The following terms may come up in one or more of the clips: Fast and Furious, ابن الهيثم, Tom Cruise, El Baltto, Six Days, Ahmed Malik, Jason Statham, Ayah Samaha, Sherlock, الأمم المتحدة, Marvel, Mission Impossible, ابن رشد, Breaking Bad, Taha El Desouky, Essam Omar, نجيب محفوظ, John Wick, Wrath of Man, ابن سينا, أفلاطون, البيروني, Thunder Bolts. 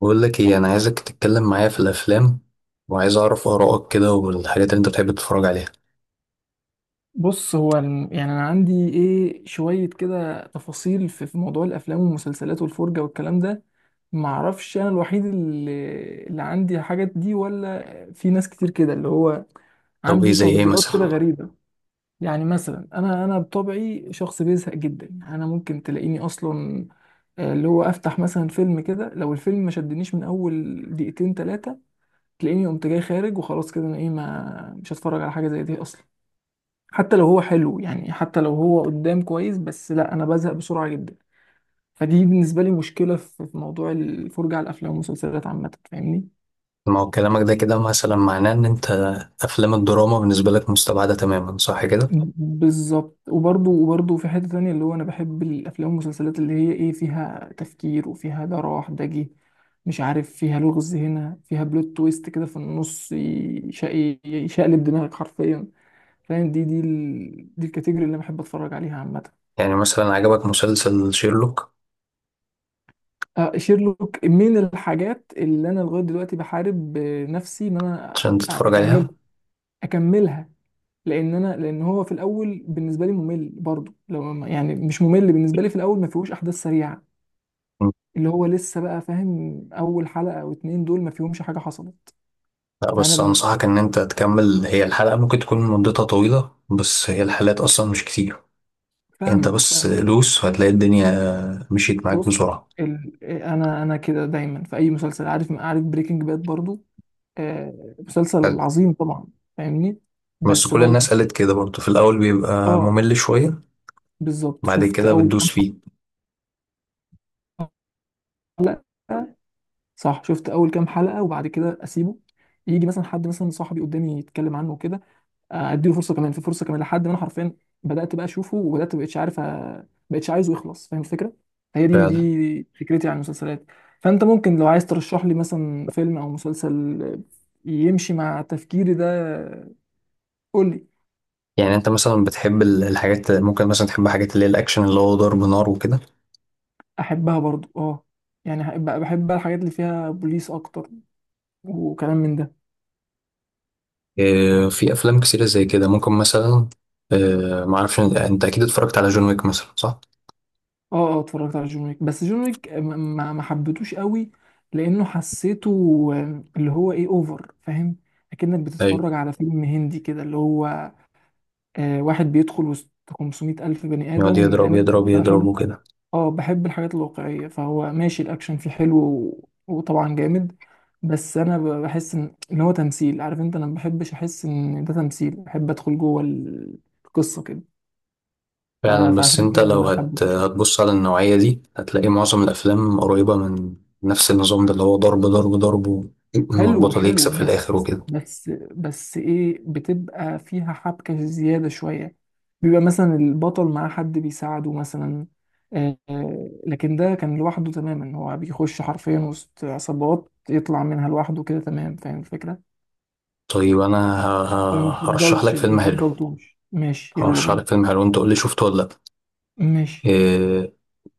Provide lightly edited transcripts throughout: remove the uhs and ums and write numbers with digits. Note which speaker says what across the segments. Speaker 1: بقول لك ايه، انا عايزك تتكلم معايا في الافلام وعايز اعرف ارائك كده والحاجات اللي انت بتحب تتفرج عليها.
Speaker 2: بص، يعني انا عندي ايه شويه كده تفاصيل في موضوع الافلام والمسلسلات والفرجه والكلام ده. ما اعرفش انا الوحيد اللي عندي الحاجات دي ولا في ناس كتير كده اللي هو
Speaker 1: طب ايه
Speaker 2: عندي
Speaker 1: زي ايه
Speaker 2: تفضيلات كده
Speaker 1: مثلا؟
Speaker 2: غريبه. يعني مثلا انا بطبعي شخص بيزهق جدا. انا ممكن تلاقيني اصلا، اللي هو، افتح مثلا فيلم كده، لو الفيلم ما شدنيش من اول دقيقتين ثلاثه تلاقيني قمت جاي خارج، وخلاص كده انا ايه، ما مش هتفرج على حاجه زي دي اصلا. حتى لو هو حلو، يعني حتى لو هو قدام كويس، بس لا، انا بزهق بسرعه جدا. فدي بالنسبه لي مشكله في موضوع الفرجه على الافلام والمسلسلات عامه، فاهمني؟
Speaker 1: ما هو كلامك ده كده مثلا معناه ان انت افلام الدراما بالنسبه لك مستبعده تماما، صح كده؟
Speaker 2: بالظبط، وبرضه في حته تانية اللي هو انا بحب الافلام والمسلسلات اللي هي ايه، فيها تفكير وفيها ده راح ده جه، مش عارف، فيها لغز هنا، فيها بلوت تويست كده في النص يشقلب دماغك حرفيا. فاهم؟ دي الكاتيجوري اللي انا بحب اتفرج عليها عامه.
Speaker 1: يعني مثلا عجبك مسلسل شيرلوك؟
Speaker 2: شيرلوك من الحاجات اللي انا لغايه دلوقتي بحارب نفسي ان انا
Speaker 1: عشان تتفرج
Speaker 2: اكمل
Speaker 1: عليها.
Speaker 2: اكملها. لان انا لان هو في الاول بالنسبه لي ممل برضو. لو يعني مش ممل بالنسبه لي في الاول، ما فيهوش احداث سريعه
Speaker 1: م.
Speaker 2: اللي هو لسه بقى، فاهم؟ اول حلقه او اتنين دول ما فيهمش حاجه حصلت.
Speaker 1: لا،
Speaker 2: فانا
Speaker 1: بس
Speaker 2: بالنسبه
Speaker 1: انصحك
Speaker 2: لي،
Speaker 1: ان انت تكمل، هي الحلقه ممكن تكون مدتها طويله بس هي الحلقات اصلا مش كتير. انت
Speaker 2: فاهمك،
Speaker 1: بس
Speaker 2: فاهم.
Speaker 1: دوس وهتلاقي الدنيا مشيت معاك
Speaker 2: بص،
Speaker 1: بسرعه.
Speaker 2: انا كده دايما في اي مسلسل. عارف بريكنج باد برضو؟ مسلسل
Speaker 1: حلو.
Speaker 2: عظيم طبعا. فاهمني؟
Speaker 1: بس
Speaker 2: بس
Speaker 1: كل
Speaker 2: برضو،
Speaker 1: الناس قالت كده برضه، في الاول بيبقى
Speaker 2: اه.
Speaker 1: ممل شويه
Speaker 2: بالظبط،
Speaker 1: بعد
Speaker 2: شفت
Speaker 1: كده
Speaker 2: اول كام
Speaker 1: بتدوس فيه.
Speaker 2: حلقه. صح، شفت اول كام حلقه وبعد كده اسيبه، يجي مثلا حد، مثلا صاحبي، قدامي يتكلم عنه وكده، اديله فرصه كمان، في فرصه كمان، لحد ما انا حرفيا بدات بقى اشوفه، وبدات مبقتش عايزه يخلص. فاهم الفكره؟ هي دي
Speaker 1: فعلا.
Speaker 2: دي فكرتي عن المسلسلات. فانت ممكن لو عايز ترشح لي مثلا فيلم او مسلسل يمشي مع تفكيري ده قول لي.
Speaker 1: يعني انت مثلا بتحب الحاجات، ممكن مثلا تحب حاجات اللي هي الاكشن اللي هو ضرب نار وكده.
Speaker 2: احبها برضو، اه. يعني بحب بقى الحاجات اللي فيها بوليس اكتر، وكلام من ده.
Speaker 1: اه، في افلام كتيرة زي كده ممكن مثلا. اه، ما اعرفش، انت انت اكيد اتفرجت على جون ويك مثلا، صح؟
Speaker 2: اه، اه، اتفرجت على جون ويك، بس جون ويك ما حبيتوش قوي، لانه حسيته اللي هو ايه، اوفر، فاهم؟ اكنك
Speaker 1: ايوه،
Speaker 2: بتتفرج على فيلم هندي كده اللي هو واحد بيدخل وسط 500 الف بني
Speaker 1: يقعد
Speaker 2: ادم، لان
Speaker 1: يضرب يضرب
Speaker 2: انا
Speaker 1: يضرب
Speaker 2: بحب،
Speaker 1: وكده.
Speaker 2: اه، بحب الحاجات الواقعيه. فهو ماشي، الاكشن فيه حلو وطبعا جامد. بس انا بحس إن هو تمثيل. عارف انت، انا ما بحبش احس ان ده تمثيل، بحب ادخل جوه القصه كده.
Speaker 1: فعلا، بس
Speaker 2: فعشان
Speaker 1: انت
Speaker 2: كده
Speaker 1: لو
Speaker 2: ما حبيتوش.
Speaker 1: هتبص على النوعية دي هتلاقي معظم الافلام قريبة من نفس النظام ده اللي هو ضرب ضرب ضرب
Speaker 2: حلو،
Speaker 1: المربوطة اللي
Speaker 2: حلو،
Speaker 1: يكسب في
Speaker 2: بس،
Speaker 1: الاخر وكده.
Speaker 2: بس بس ايه، بتبقى فيها حبكة زيادة شوية، بيبقى مثلا البطل معاه حد بيساعده مثلا. لكن ده كان لوحده تماما، هو بيخش حرفيا وسط عصابات يطلع منها لوحده كده. تمام؟ فاهم الفكرة؟
Speaker 1: طيب انا
Speaker 2: انا
Speaker 1: هرشح
Speaker 2: مفضلش
Speaker 1: لك فيلم حلو.
Speaker 2: مفضلتوش. ماشي، يلا
Speaker 1: هرشح
Speaker 2: بينا.
Speaker 1: لك فيلم حلو، انت قول لي شفته ولا لا.
Speaker 2: ماشي.
Speaker 1: إيه،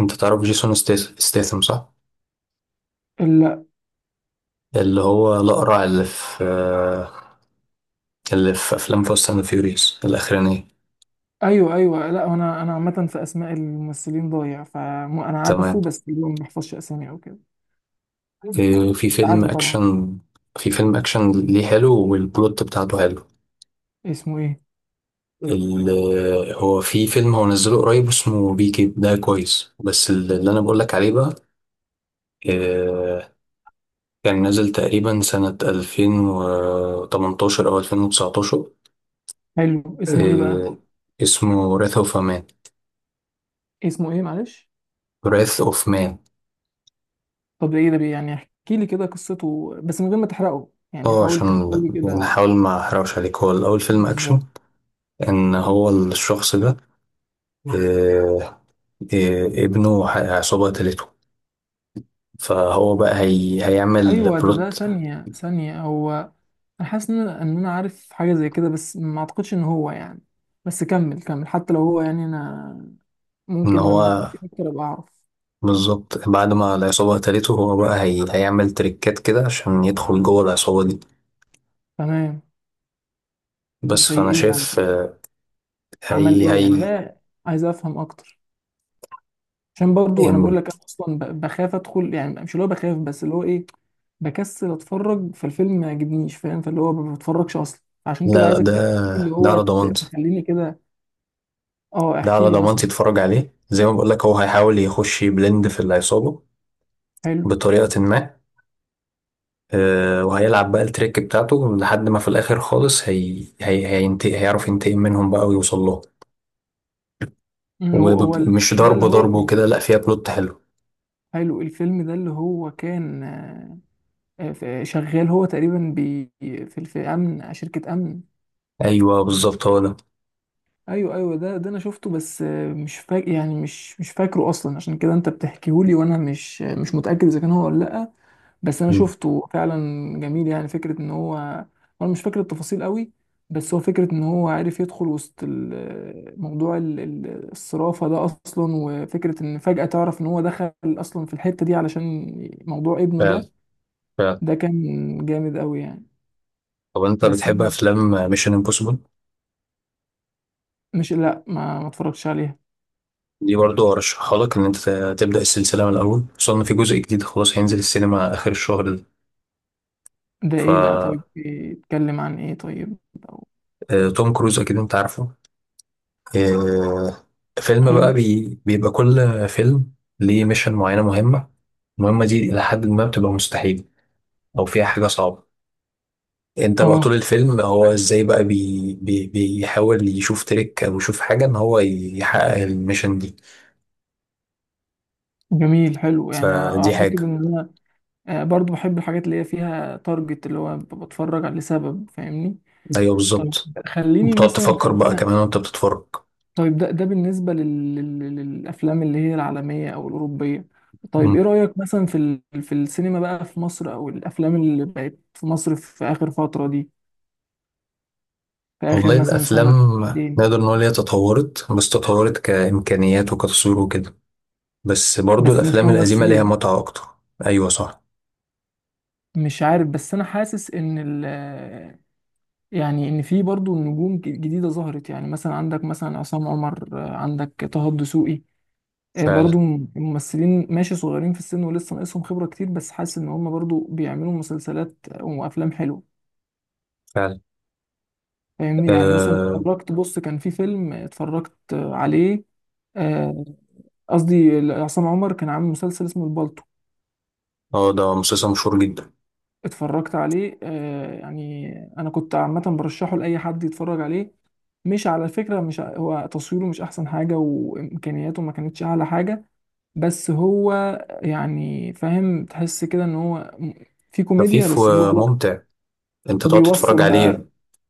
Speaker 1: انت تعرف جيسون ستيثم، صح؟
Speaker 2: لا.
Speaker 1: اللي هو الأقرع اللي في اللي في أفلام فاست أند فيوريوس الأخرانية.
Speaker 2: ايوه، ايوه، لا، انا عامة في اسماء الممثلين ضايع. فانا عارفه،
Speaker 1: تمام.
Speaker 2: بس اللي هو ما بحفظش اسامي او كده.
Speaker 1: في
Speaker 2: بس
Speaker 1: فيلم
Speaker 2: عارفه طبعا.
Speaker 1: أكشن. في فيلم أكشن ليه، حلو والبلوت بتاعته حلو.
Speaker 2: اسمه ايه؟
Speaker 1: ال- هو في فيلم، هو نزله قريب اسمه بيكي، ده كويس بس اللي أنا بقولك عليه بقى، إيه، كان نازل تقريبا سنة 2018 أو 2019.
Speaker 2: حلو، اسمه ايه بقى؟
Speaker 1: إيه، اسمه وراث أوف مان.
Speaker 2: اسمه ايه، معلش؟
Speaker 1: وراث أوف مان.
Speaker 2: طب ده ايه ده؟ يعني احكي لي كده قصته، بس من غير ما تحرقه، يعني
Speaker 1: اه
Speaker 2: حاول تحكي
Speaker 1: عشان
Speaker 2: لي كده.
Speaker 1: نحاول ما احرقش عليك، هو الاول فيلم اكشن.
Speaker 2: بالظبط.
Speaker 1: ان هو الشخص ده، آه، ابنه عصابة قتلته، فهو بقى هيعمل
Speaker 2: ايوه، ده
Speaker 1: بلوت.
Speaker 2: ثانيه، ثانيه، هو، انا حاسس ان انا عارف حاجه زي كده، بس ما اعتقدش ان هو يعني، بس كمل، كمل، حتى لو هو، يعني انا
Speaker 1: ان
Speaker 2: ممكن
Speaker 1: هو
Speaker 2: لما تحكي اكتر ابقى اعرف.
Speaker 1: بالظبط، بعد ما العصابة قتلته هو بقى هيعمل تريكات كده عشان يدخل جوه العصابة دي.
Speaker 2: تمام.
Speaker 1: بس
Speaker 2: زي
Speaker 1: فانا
Speaker 2: ايه
Speaker 1: شايف،
Speaker 2: يعني؟
Speaker 1: آه،
Speaker 2: عمل
Speaker 1: هي
Speaker 2: ايه يعني؟
Speaker 1: هي
Speaker 2: لا، عايز افهم اكتر، عشان برضو انا بقول
Speaker 1: إن
Speaker 2: لك انا اصلا بخاف ادخل، يعني مش اللي هو بخاف، بس اللي هو ايه، بكسل اتفرج، فالفيلم ما يعجبنيش، فاهم؟ فاللي هو ما بتفرجش اصلا. عشان كده
Speaker 1: لا لا،
Speaker 2: عايزك
Speaker 1: ده
Speaker 2: تحكي لي اللي
Speaker 1: ده
Speaker 2: هو
Speaker 1: على ضمانتي.
Speaker 2: تخليني كده. اه،
Speaker 1: ده
Speaker 2: احكي
Speaker 1: على
Speaker 2: لي
Speaker 1: ضمانتي،
Speaker 2: مثلا.
Speaker 1: اتفرج عليه. زي ما بقول لك هو هيحاول يخش يبلند في العصابة
Speaker 2: حلو.
Speaker 1: بطريقة ما. وهيلعب بقى التريك بتاعته لحد ما في الآخر خالص هينتقم، هيعرف ينتقم منهم بقى ويوصل لهم.
Speaker 2: أمم، هو هو ال-
Speaker 1: ومش
Speaker 2: ده
Speaker 1: ضرب
Speaker 2: اللي هو
Speaker 1: ضرب
Speaker 2: كان
Speaker 1: وكده، لا فيها بلوت حلو.
Speaker 2: حلو. الفيلم ده اللي هو كان شغال هو تقريبا بي في في امن، شركة امن.
Speaker 1: أيوه بالظبط، هو ده.
Speaker 2: ايوه، ايوه، ده انا شفته، بس مش فاكر، يعني مش فاكره اصلا، عشان كده انت بتحكيهولي وانا مش متاكد اذا كان هو ولا لا، بس انا
Speaker 1: مم.
Speaker 2: شفته فعلا. جميل، يعني فكره ان هو، انا مش فاكر التفاصيل قوي، بس هو فكره ان هو عارف يدخل وسط موضوع الصرافه ده اصلا، وفكره ان فجاه تعرف ان هو دخل اصلا في الحته دي علشان موضوع ابنه ده.
Speaker 1: فعلا، فعلا.
Speaker 2: ده كان جامد قوي يعني.
Speaker 1: طب أنت
Speaker 2: بس
Speaker 1: بتحب
Speaker 2: انا
Speaker 1: أفلام ميشن امبوسيبل؟
Speaker 2: مش، لا، ما اتفرجتش عليها.
Speaker 1: دي برضو أرشحها لك، إن أنت تبدأ السلسلة من الأول، خصوصا إن في جزء جديد خلاص هينزل السينما آخر الشهر ده.
Speaker 2: ده
Speaker 1: ف
Speaker 2: ايه بقى؟ طيب بيتكلم عن ايه طيب؟ أو-
Speaker 1: آه، توم كروز أكيد أنت عارفه. آه، فيلم
Speaker 2: حلو،
Speaker 1: بقى بيبقى كل فيلم ليه ميشن معينة مهمة. المهمة دي إلى حد ما بتبقى مستحيلة أو فيها حاجة صعبة. أنت بقى طول
Speaker 2: اه
Speaker 1: الفيلم هو إزاي بقى بي بي بيحاول يشوف تريك أو يشوف حاجة إن هو يحقق الميشن دي.
Speaker 2: جميل، حلو. يعني
Speaker 1: فدي
Speaker 2: اعتقد
Speaker 1: حاجة.
Speaker 2: ان، برضو بحب الحاجات اللي هي فيها تارجت، اللي هو ببقى بتفرج لسبب، فاهمني؟
Speaker 1: أيوه
Speaker 2: طيب،
Speaker 1: بالظبط،
Speaker 2: خليني
Speaker 1: بتقعد
Speaker 2: مثلا،
Speaker 1: تفكر بقى
Speaker 2: خلينا،
Speaker 1: كمان وأنت بتتفرج.
Speaker 2: طيب ده بالنسبة للأفلام اللي هي العالمية أو الأوروبية. طيب إيه
Speaker 1: مم.
Speaker 2: رأيك مثلا في في السينما بقى في مصر أو الأفلام اللي بقت في مصر في آخر فترة دي، في آخر
Speaker 1: والله
Speaker 2: مثلا
Speaker 1: الأفلام
Speaker 2: سنة، سنتين؟
Speaker 1: نقدر نقول هي تطورت، بس تطورت كإمكانيات وكتصوير وكده، بس برضو
Speaker 2: بس مش
Speaker 1: الأفلام القديمة ليها
Speaker 2: كممثلين.
Speaker 1: متعة أكتر. أيوه صح.
Speaker 2: مش عارف، بس أنا حاسس إن ال... يعني ان في برضو نجوم جديده ظهرت، يعني مثلا عندك، مثلا، عصام عمر، عندك طه الدسوقي. برضو
Speaker 1: فعلا،
Speaker 2: الممثلين ماشي صغيرين في السن ولسه ناقصهم خبرة كتير، بس حاسس ان هم برضو بيعملوا مسلسلات وافلام حلوة.
Speaker 1: فعلا.
Speaker 2: فاهمني؟ يعني مثلا
Speaker 1: اه.
Speaker 2: اتفرجت، بص كان في فيلم اتفرجت عليه، آه، قصدي عصام عمر كان عامل مسلسل اسمه البالتو،
Speaker 1: ده مسلسل مشهور جدا.
Speaker 2: اتفرجت عليه. يعني انا كنت عامة برشحه لأي حد يتفرج عليه. مش على فكرة، مش هو تصويره مش احسن حاجة وامكانياته ما كانتش اعلى حاجة، بس هو يعني، فاهم، تحس كده ان هو في كوميديا،
Speaker 1: خفيف
Speaker 2: بس اللي هو لا،
Speaker 1: وممتع، انت تقعد تتفرج
Speaker 2: وبيوصل
Speaker 1: عليه.
Speaker 2: بقى،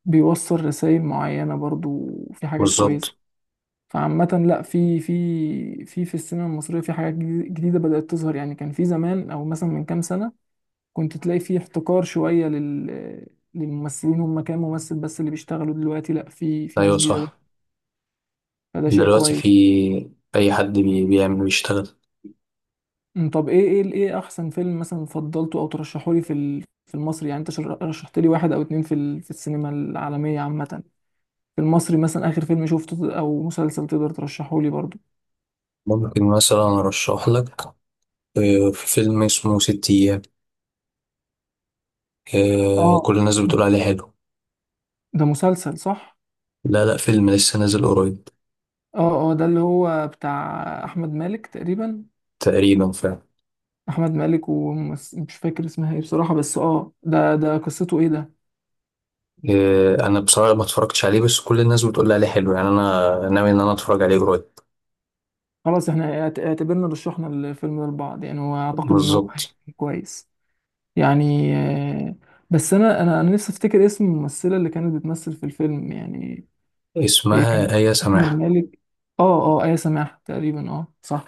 Speaker 2: بيوصل رسائل معينة برضو، وفي حاجات كويسة.
Speaker 1: بالظبط.
Speaker 2: فعامة لا، في السينما المصرية في حاجات جديدة بدأت تظهر. يعني كان في زمان، او مثلا من كام سنة، كنت تلاقي في احتكار شوية للممثلين. هم كام ممثل بس اللي بيشتغلوا. دلوقتي لا، في ناس
Speaker 1: ايوه
Speaker 2: جديدة.
Speaker 1: صح.
Speaker 2: فده شيء
Speaker 1: دلوقتي في
Speaker 2: كويس.
Speaker 1: اي حد بيعمل، بيشتغل.
Speaker 2: طب ايه ايه احسن فيلم مثلا فضلته او ترشحه لي في في المصري؟ يعني انت رشحت لي واحد او اتنين في في السينما العالميه عامه. في المصري مثلا اخر فيلم شفته، او مسلسل تقدر ترشحه لي برضو؟
Speaker 1: ممكن مثلا ارشح لك، في فيلم اسمه ست ايام،
Speaker 2: اه،
Speaker 1: كل الناس بتقول
Speaker 2: ده
Speaker 1: عليه حلو.
Speaker 2: ده مسلسل، صح؟
Speaker 1: لا لا، فيلم لسه نازل قريب.
Speaker 2: اه، اه، ده اللي هو بتاع احمد مالك تقريبا.
Speaker 1: تقريبا، فعلا.
Speaker 2: احمد مالك، ومش فاكر اسمها ايه بصراحه، بس اه، ده قصته ايه ده؟
Speaker 1: انا بصراحة ما اتفرجتش عليه بس كل الناس بتقول عليه حلو، يعني انا ناوي ان انا اتفرج عليه قريب.
Speaker 2: خلاص، احنا اعتبرنا رشحنا الفيلم ده لبعض يعني، واعتقد ان هو
Speaker 1: بالظبط.
Speaker 2: هيكون كويس. يعني بس انا نفسي افتكر اسم الممثله اللي كانت بتمثل في الفيلم يعني. هي كانت،
Speaker 1: اسمها آية
Speaker 2: احمد
Speaker 1: سماحة.
Speaker 2: مالك، اه، اه، ايه سماح تقريبا، اه صح.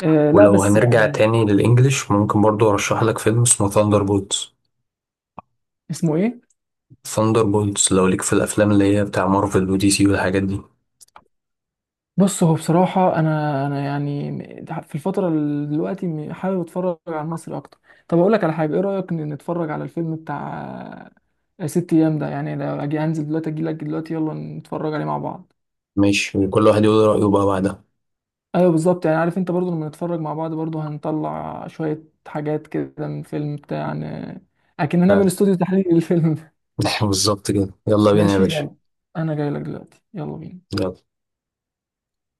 Speaker 2: لا
Speaker 1: ولو
Speaker 2: بس
Speaker 1: هنرجع
Speaker 2: يعني،
Speaker 1: تاني للإنجليش، ممكن برضو أرشح لك فيلم اسمه ثاندر بولتس.
Speaker 2: اسمه ايه؟
Speaker 1: ثاندر بولتس، لو ليك في الأفلام اللي هي بتاع مارفل ودي سي والحاجات دي.
Speaker 2: بص، هو بصراحه انا يعني في الفتره دلوقتي حابب اتفرج على المصري اكتر. طب اقول لك على حاجه، ايه رايك ان نتفرج على الفيلم بتاع ست ايام ده؟ يعني لو اجي انزل دلوقتي، اجي لك دلوقتي، يلا نتفرج عليه مع بعض.
Speaker 1: ماشي، وكل واحد يقول رأيه بقى بعدها.
Speaker 2: ايوه، بالظبط، يعني عارف انت برضو لما نتفرج مع بعض، برضو هنطلع شوية حاجات كده من فيلم بتاع اكن
Speaker 1: فعلا.
Speaker 2: هنعمل استوديو تحليل للفيلم ده.
Speaker 1: بالظبط كده، يلا بينا يا
Speaker 2: ماشي،
Speaker 1: باشا.
Speaker 2: يلا، انا جاي لك دلوقتي، يلا بينا.
Speaker 1: يلا.